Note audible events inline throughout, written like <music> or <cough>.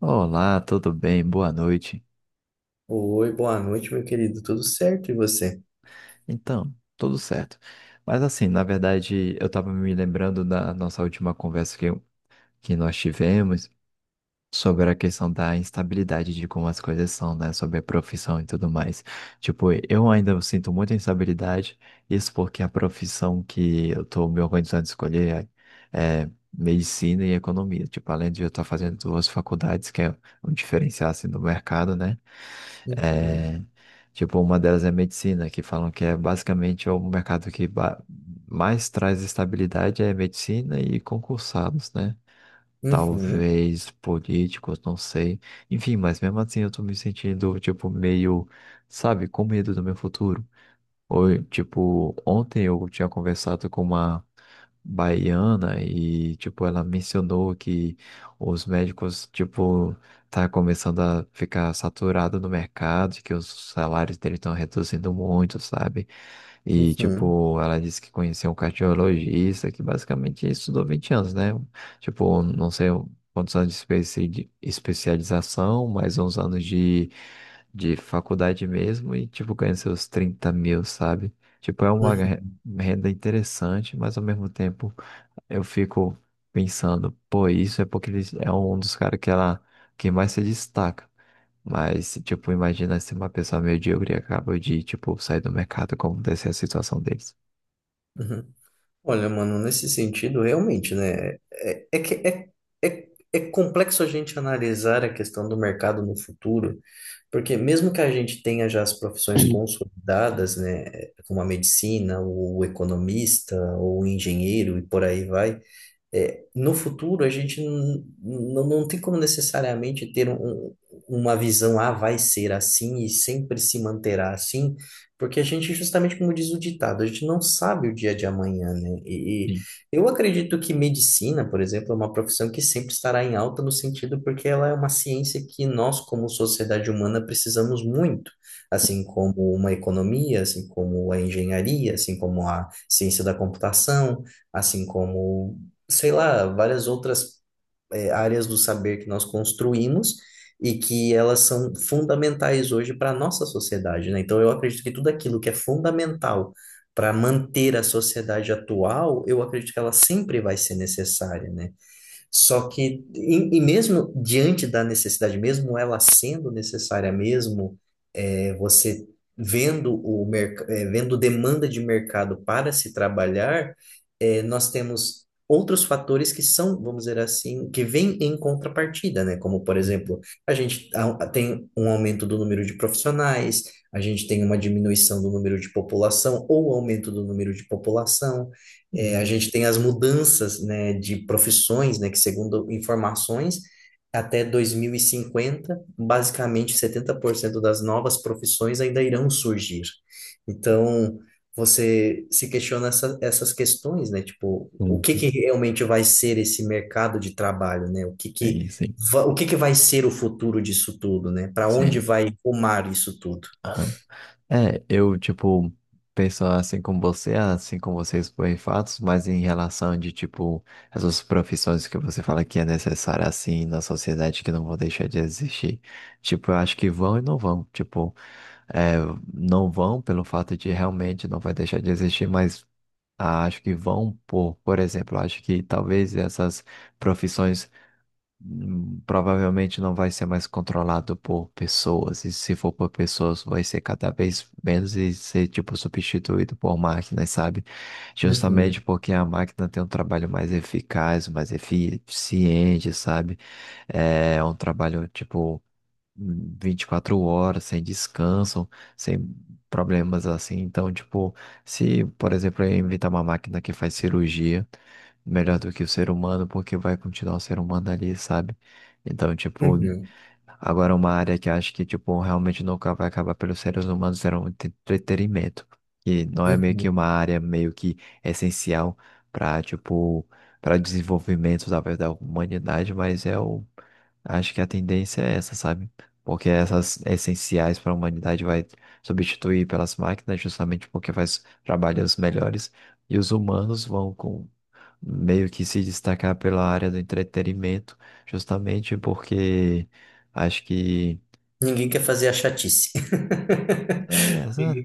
Olá, tudo bem? Boa noite. Oi, boa noite, meu querido. Tudo certo, e você? Então, tudo certo. Mas assim, na verdade, eu estava me lembrando da nossa última conversa que nós tivemos sobre a questão da instabilidade de como as coisas são, né? Sobre a profissão e tudo mais. Tipo, eu ainda sinto muita instabilidade, isso porque a profissão que eu estou me organizando a escolher é medicina e economia. Tipo, além de eu estar fazendo duas faculdades, que é um diferencial assim, do mercado, né? Uhum, É. Tipo, uma delas é medicina, que falam que é basicamente é o mercado mais traz estabilidade é medicina e concursados, né? uhum, Talvez políticos, não sei. Enfim, mas mesmo assim eu tô me sentindo, tipo, meio, sabe, com medo do meu futuro. Oi, tipo, ontem eu tinha conversado com uma baiana e, tipo, ela mencionou que os médicos, tipo, tá começando a ficar saturado no mercado, e que os salários dele estão reduzindo muito, sabe? E, uhum, tipo, ela disse que conheceu um cardiologista que basicamente estudou 20 anos, né? Tipo, não sei quantos anos de de especialização, mais uns anos de faculdade mesmo e, tipo, ganha seus 30 mil, sabe? Tipo, é uma uhum, renda interessante, mas ao mesmo tempo eu fico pensando, pô, isso é porque ele é um dos caras que ela que mais se destaca. Mas, tipo, imagina se uma pessoa medíocre acaba de, tipo, sair do mercado, como deve ser a situação deles. uhum. Olha, mano, nesse sentido, realmente, né? É, é complexo a gente analisar a questão do mercado no futuro, porque mesmo que a gente tenha já as profissões consolidadas, né? Como a medicina, o economista, ou o engenheiro e por aí vai. É, no futuro, a gente não tem como necessariamente ter um, uma visão, ah, vai ser assim e sempre se manterá assim, porque a gente, justamente como diz o ditado, a gente não sabe o dia de amanhã, né? E Sim. eu acredito que medicina, por exemplo, é uma profissão que sempre estará em alta no sentido porque ela é uma ciência que nós, como sociedade humana, precisamos muito, assim como uma economia, assim como a engenharia, assim como a ciência da computação, assim como, sei lá, várias outras áreas do saber que nós construímos e que elas são fundamentais hoje para a nossa sociedade, né? Então, eu acredito que tudo aquilo que é fundamental para manter a sociedade atual, eu acredito que ela sempre vai ser necessária, né? Só que, e mesmo diante da necessidade, mesmo ela sendo necessária mesmo, é, você vendo demanda de mercado para se trabalhar, é, nós temos outros fatores que são, vamos dizer assim, que vêm em contrapartida, né? Como, por exemplo, a gente tem um aumento do número de profissionais, a gente tem uma diminuição do número de população ou aumento do número de população. É, a Uhum. gente tem as mudanças, né, de profissões, né, que segundo informações, até 2050, basicamente 70% das novas profissões ainda irão surgir. Então, você se questiona essa, essas questões, né? Tipo, o que que Uhum. realmente vai ser esse mercado de trabalho, né? O que que, Sim, sim. O que que vai ser o futuro disso tudo, né? Para onde Sim. vai rumar isso tudo? Aham. É, eu, tipo, penso assim como você, assim como vocês por fatos, mas em relação de, tipo, essas profissões que você fala que é necessária, assim, na sociedade, que não vão deixar de existir. Tipo, eu acho que vão e não vão. Tipo, é, não vão pelo fato de realmente não vai deixar de existir, mas ah, acho que vão por exemplo, acho que talvez essas profissões provavelmente não vai ser mais controlado por pessoas, e se for por pessoas, vai ser cada vez menos e ser, tipo, substituído por máquinas, sabe? Uhum, Justamente porque a máquina tem um trabalho mais eficaz, mais eficiente, sabe? É um trabalho, tipo, 24 horas, sem descanso, sem problemas assim. Então, tipo, se, por exemplo, eu inventar uma máquina que faz cirurgia, melhor do que o ser humano, porque vai continuar o ser humano ali, sabe? Então, tipo, uhum, agora uma área que acho que, tipo, realmente nunca vai acabar pelos seres humanos era o entretenimento, que não é meio que uhum. uma área meio que essencial para, tipo, para desenvolvimento, talvez, da humanidade, mas é o acho que a tendência é essa, sabe? Porque essas essenciais para a humanidade vai substituir pelas máquinas, justamente porque faz trabalhos melhores, e os humanos vão meio que se destacar pela área do entretenimento, justamente porque acho que. Ninguém quer fazer a chatice. <laughs> <laughs> É, sabe?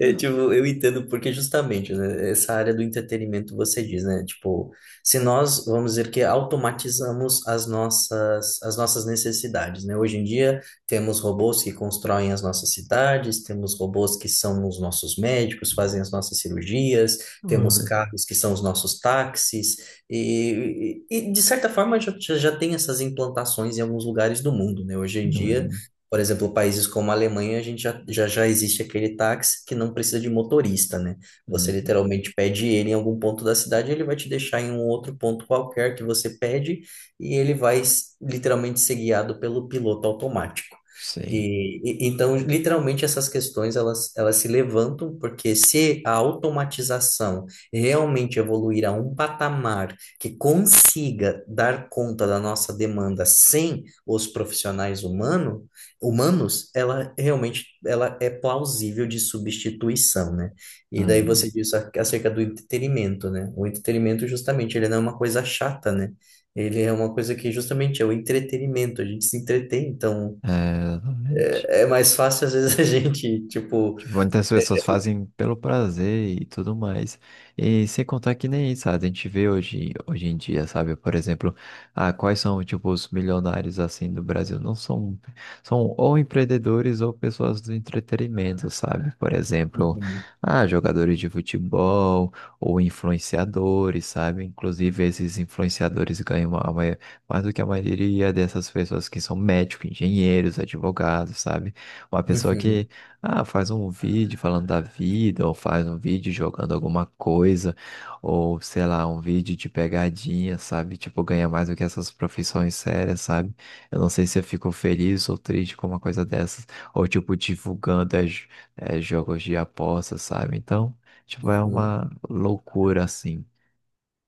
É, tipo, eu entendo porque justamente, né, essa área do entretenimento você diz, né? Tipo, se nós, vamos dizer que automatizamos as nossas necessidades, né? Hoje em dia temos robôs que constroem as nossas cidades, temos robôs que são os nossos médicos, fazem as nossas cirurgias, temos Uhum. carros que são os nossos táxis e, de certa forma já, já tem essas implantações em alguns lugares do mundo, né? Hoje em dia, Uhum. por exemplo, países como a Alemanha, a gente já, já, já existe aquele táxi que não precisa de motorista, né? Você Uhum. literalmente pede ele em algum ponto da cidade, ele vai te deixar em um outro ponto qualquer que você pede e ele vai literalmente ser guiado pelo piloto automático. Sei. E, então, literalmente, essas questões elas, elas se levantam, porque se a automatização realmente evoluir a um patamar que consiga dar conta da nossa demanda sem os profissionais humanos, ela realmente ela é plausível de substituição, né? E daí Uhum. você disse acerca do entretenimento, né? O entretenimento, justamente, ele não é uma coisa chata, né? Ele é uma coisa que justamente é o entretenimento, a gente se entretém, então. É, exatamente. É mais fácil, às vezes, <laughs> a gente, tipo. Tipo, muitas pessoas fazem pelo prazer e tudo mais. E sem contar que nem isso, sabe? A gente vê hoje, hoje em dia, sabe? Por exemplo, ah, quais são, tipo, os milionários, assim, do Brasil? Não são... São ou empreendedores ou pessoas do entretenimento, sabe? Por exemplo, Uhum, ah, jogadores de futebol ou influenciadores, sabe? Inclusive, esses influenciadores ganham a mais do que a maioria dessas pessoas que são médicos, engenheiros, advogados, sabe? Uma pessoa que uhum, ah, faz um vídeo falando da vida, ou faz um vídeo jogando alguma coisa, ou sei lá, um vídeo de pegadinha, sabe? Tipo, ganha mais do que essas profissões sérias, sabe? Eu não sei se eu fico feliz ou triste com uma coisa dessas, ou tipo, divulgando jogos de aposta, sabe? Então, tipo, é uhum. uma loucura assim,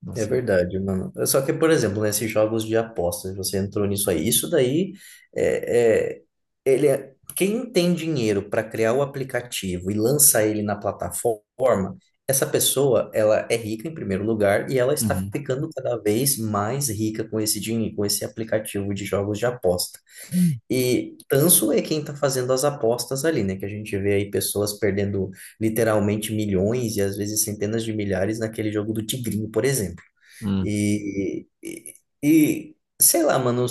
não É sei. verdade, mano. Só que, por exemplo, nesses jogos de apostas, você entrou nisso aí. Isso daí é, quem tem dinheiro para criar o aplicativo e lançar ele na plataforma, essa pessoa, ela é rica em primeiro lugar e ela está Uhum. ficando cada vez mais rica com esse dinheiro, com esse aplicativo de jogos de aposta. Hum. E tanso é quem está fazendo as apostas ali, né? Que a gente vê aí pessoas perdendo literalmente milhões e às vezes centenas de milhares naquele jogo do Tigrinho, por exemplo. Hum, E, e, sei lá, mano,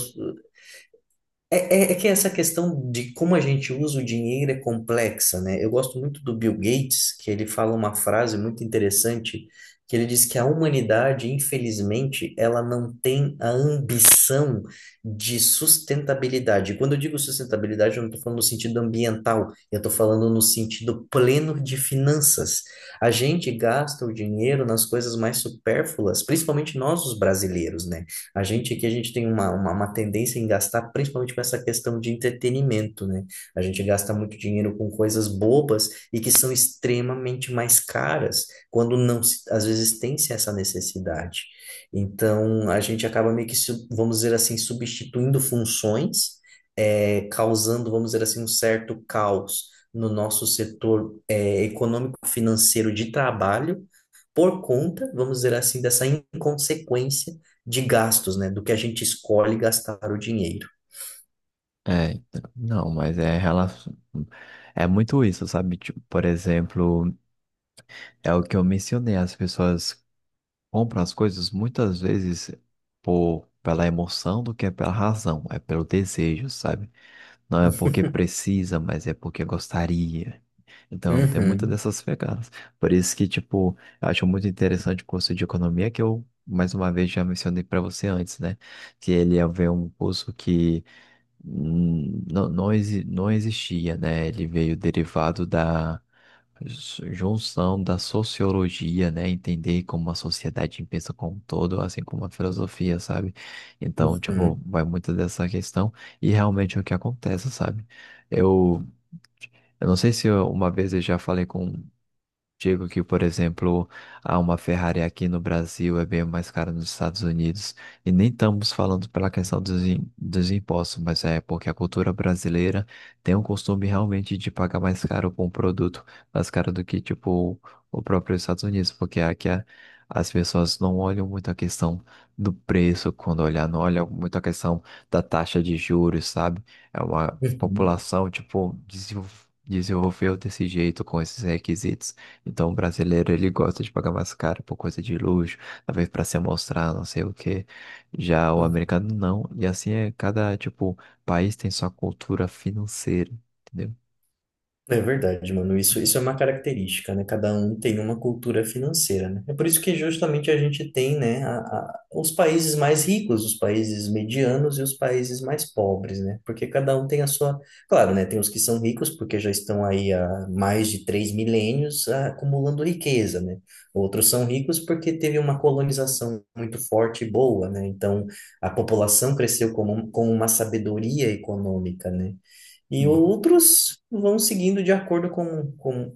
é, é que essa questão de como a gente usa o dinheiro é complexa, né? Eu gosto muito do Bill Gates, que ele fala uma frase muito interessante, que ele diz que a humanidade, infelizmente, ela não tem a ambição de sustentabilidade. E quando eu digo sustentabilidade, eu não estou falando no sentido ambiental, eu estou falando no sentido pleno de finanças. A gente gasta o dinheiro nas coisas mais supérfluas, principalmente nós, os brasileiros, né? A gente aqui, a gente tem uma tendência em gastar, principalmente com essa questão de entretenimento, né? A gente gasta muito dinheiro com coisas bobas e que são extremamente mais caras, quando não, às vezes, tem-se essa necessidade. Então, a gente acaba meio que, vamos dizer assim, substituindo funções, causando, vamos dizer assim, um certo caos no nosso setor, econômico-financeiro de trabalho, por conta, vamos dizer assim, dessa inconsequência de gastos, né? Do que a gente escolhe gastar o dinheiro. é, então, não, mas é relação. É muito isso, sabe? Tipo, por exemplo. É o que eu mencionei, as pessoas compram as coisas muitas vezes por, pela emoção do que é pela razão, é pelo desejo, sabe? Não é porque precisa, mas é porque gostaria. Então tem muitas Uhum, dessas pegadas. Por isso que, tipo, eu acho muito interessante o curso de economia que eu, mais uma vez, já mencionei para você antes, né? Que ele é um curso que não, não, não existia, né? Ele veio derivado da junção da sociologia, né? Entender como a sociedade pensa como um todo, assim como a filosofia, sabe? Então, tipo, uhum, vai muito dessa questão e realmente é o que acontece, sabe? Eu, eu não sei se uma vez eu já falei com digo que, por exemplo, há uma Ferrari aqui no Brasil é bem mais cara nos Estados Unidos. E nem estamos falando pela questão dos, dos impostos, mas é porque a cultura brasileira tem um costume realmente de pagar mais caro por um produto, mais caro do que, tipo, o próprio Estados Unidos, porque aqui as pessoas não olham muito a questão do preço quando olhar, não olham muito a questão da taxa de juros, sabe? É uma uhum, população, tipo, desenvolveu desse jeito com esses requisitos. Então, o brasileiro, ele gosta de pagar mais caro por coisa de luxo, talvez para se mostrar, não sei o quê. Já o uhum. americano não. E assim é, cada, tipo, país tem sua cultura financeira, entendeu? É verdade, mano. Isso é uma característica, né? Cada um tem uma cultura financeira, né? É por isso que justamente a gente tem, né, os países mais ricos, os países medianos e os países mais pobres, né? Porque cada um tem a sua... Claro, né? Tem os que são ricos porque já estão aí há mais de três milênios, ah, acumulando riqueza, né? Outros são ricos porque teve uma colonização muito forte e boa, né? Então, a população cresceu com, com uma sabedoria econômica, né? E Uhum, outros vão seguindo de acordo com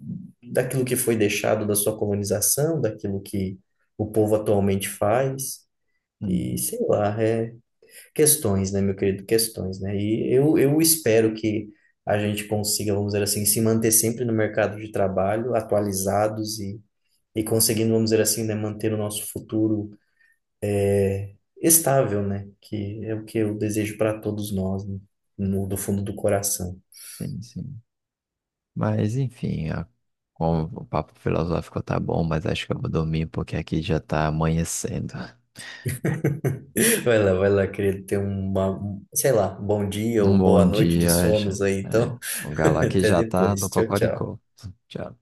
daquilo que foi deixado da sua colonização, daquilo que o povo atualmente faz. E uhum. sei lá, é questões, né, meu querido? Questões, né? E eu espero que a gente consiga, vamos dizer assim, se manter sempre no mercado de trabalho, atualizados e conseguindo, vamos dizer assim, né, manter o nosso futuro estável, né? Que é o que eu desejo para todos nós, né? No, do fundo do coração. Sim, sim. Mas, enfim, o papo filosófico tá bom, mas acho que eu vou dormir porque aqui já tá amanhecendo. <laughs> Vai lá, querido, ter uma, um, sei lá, bom dia ou Um bom boa noite de dia, acha? sonos aí, É, então, o <laughs> galá que até já tá no depois. Tchau, cocoricó. tchau. Tchau.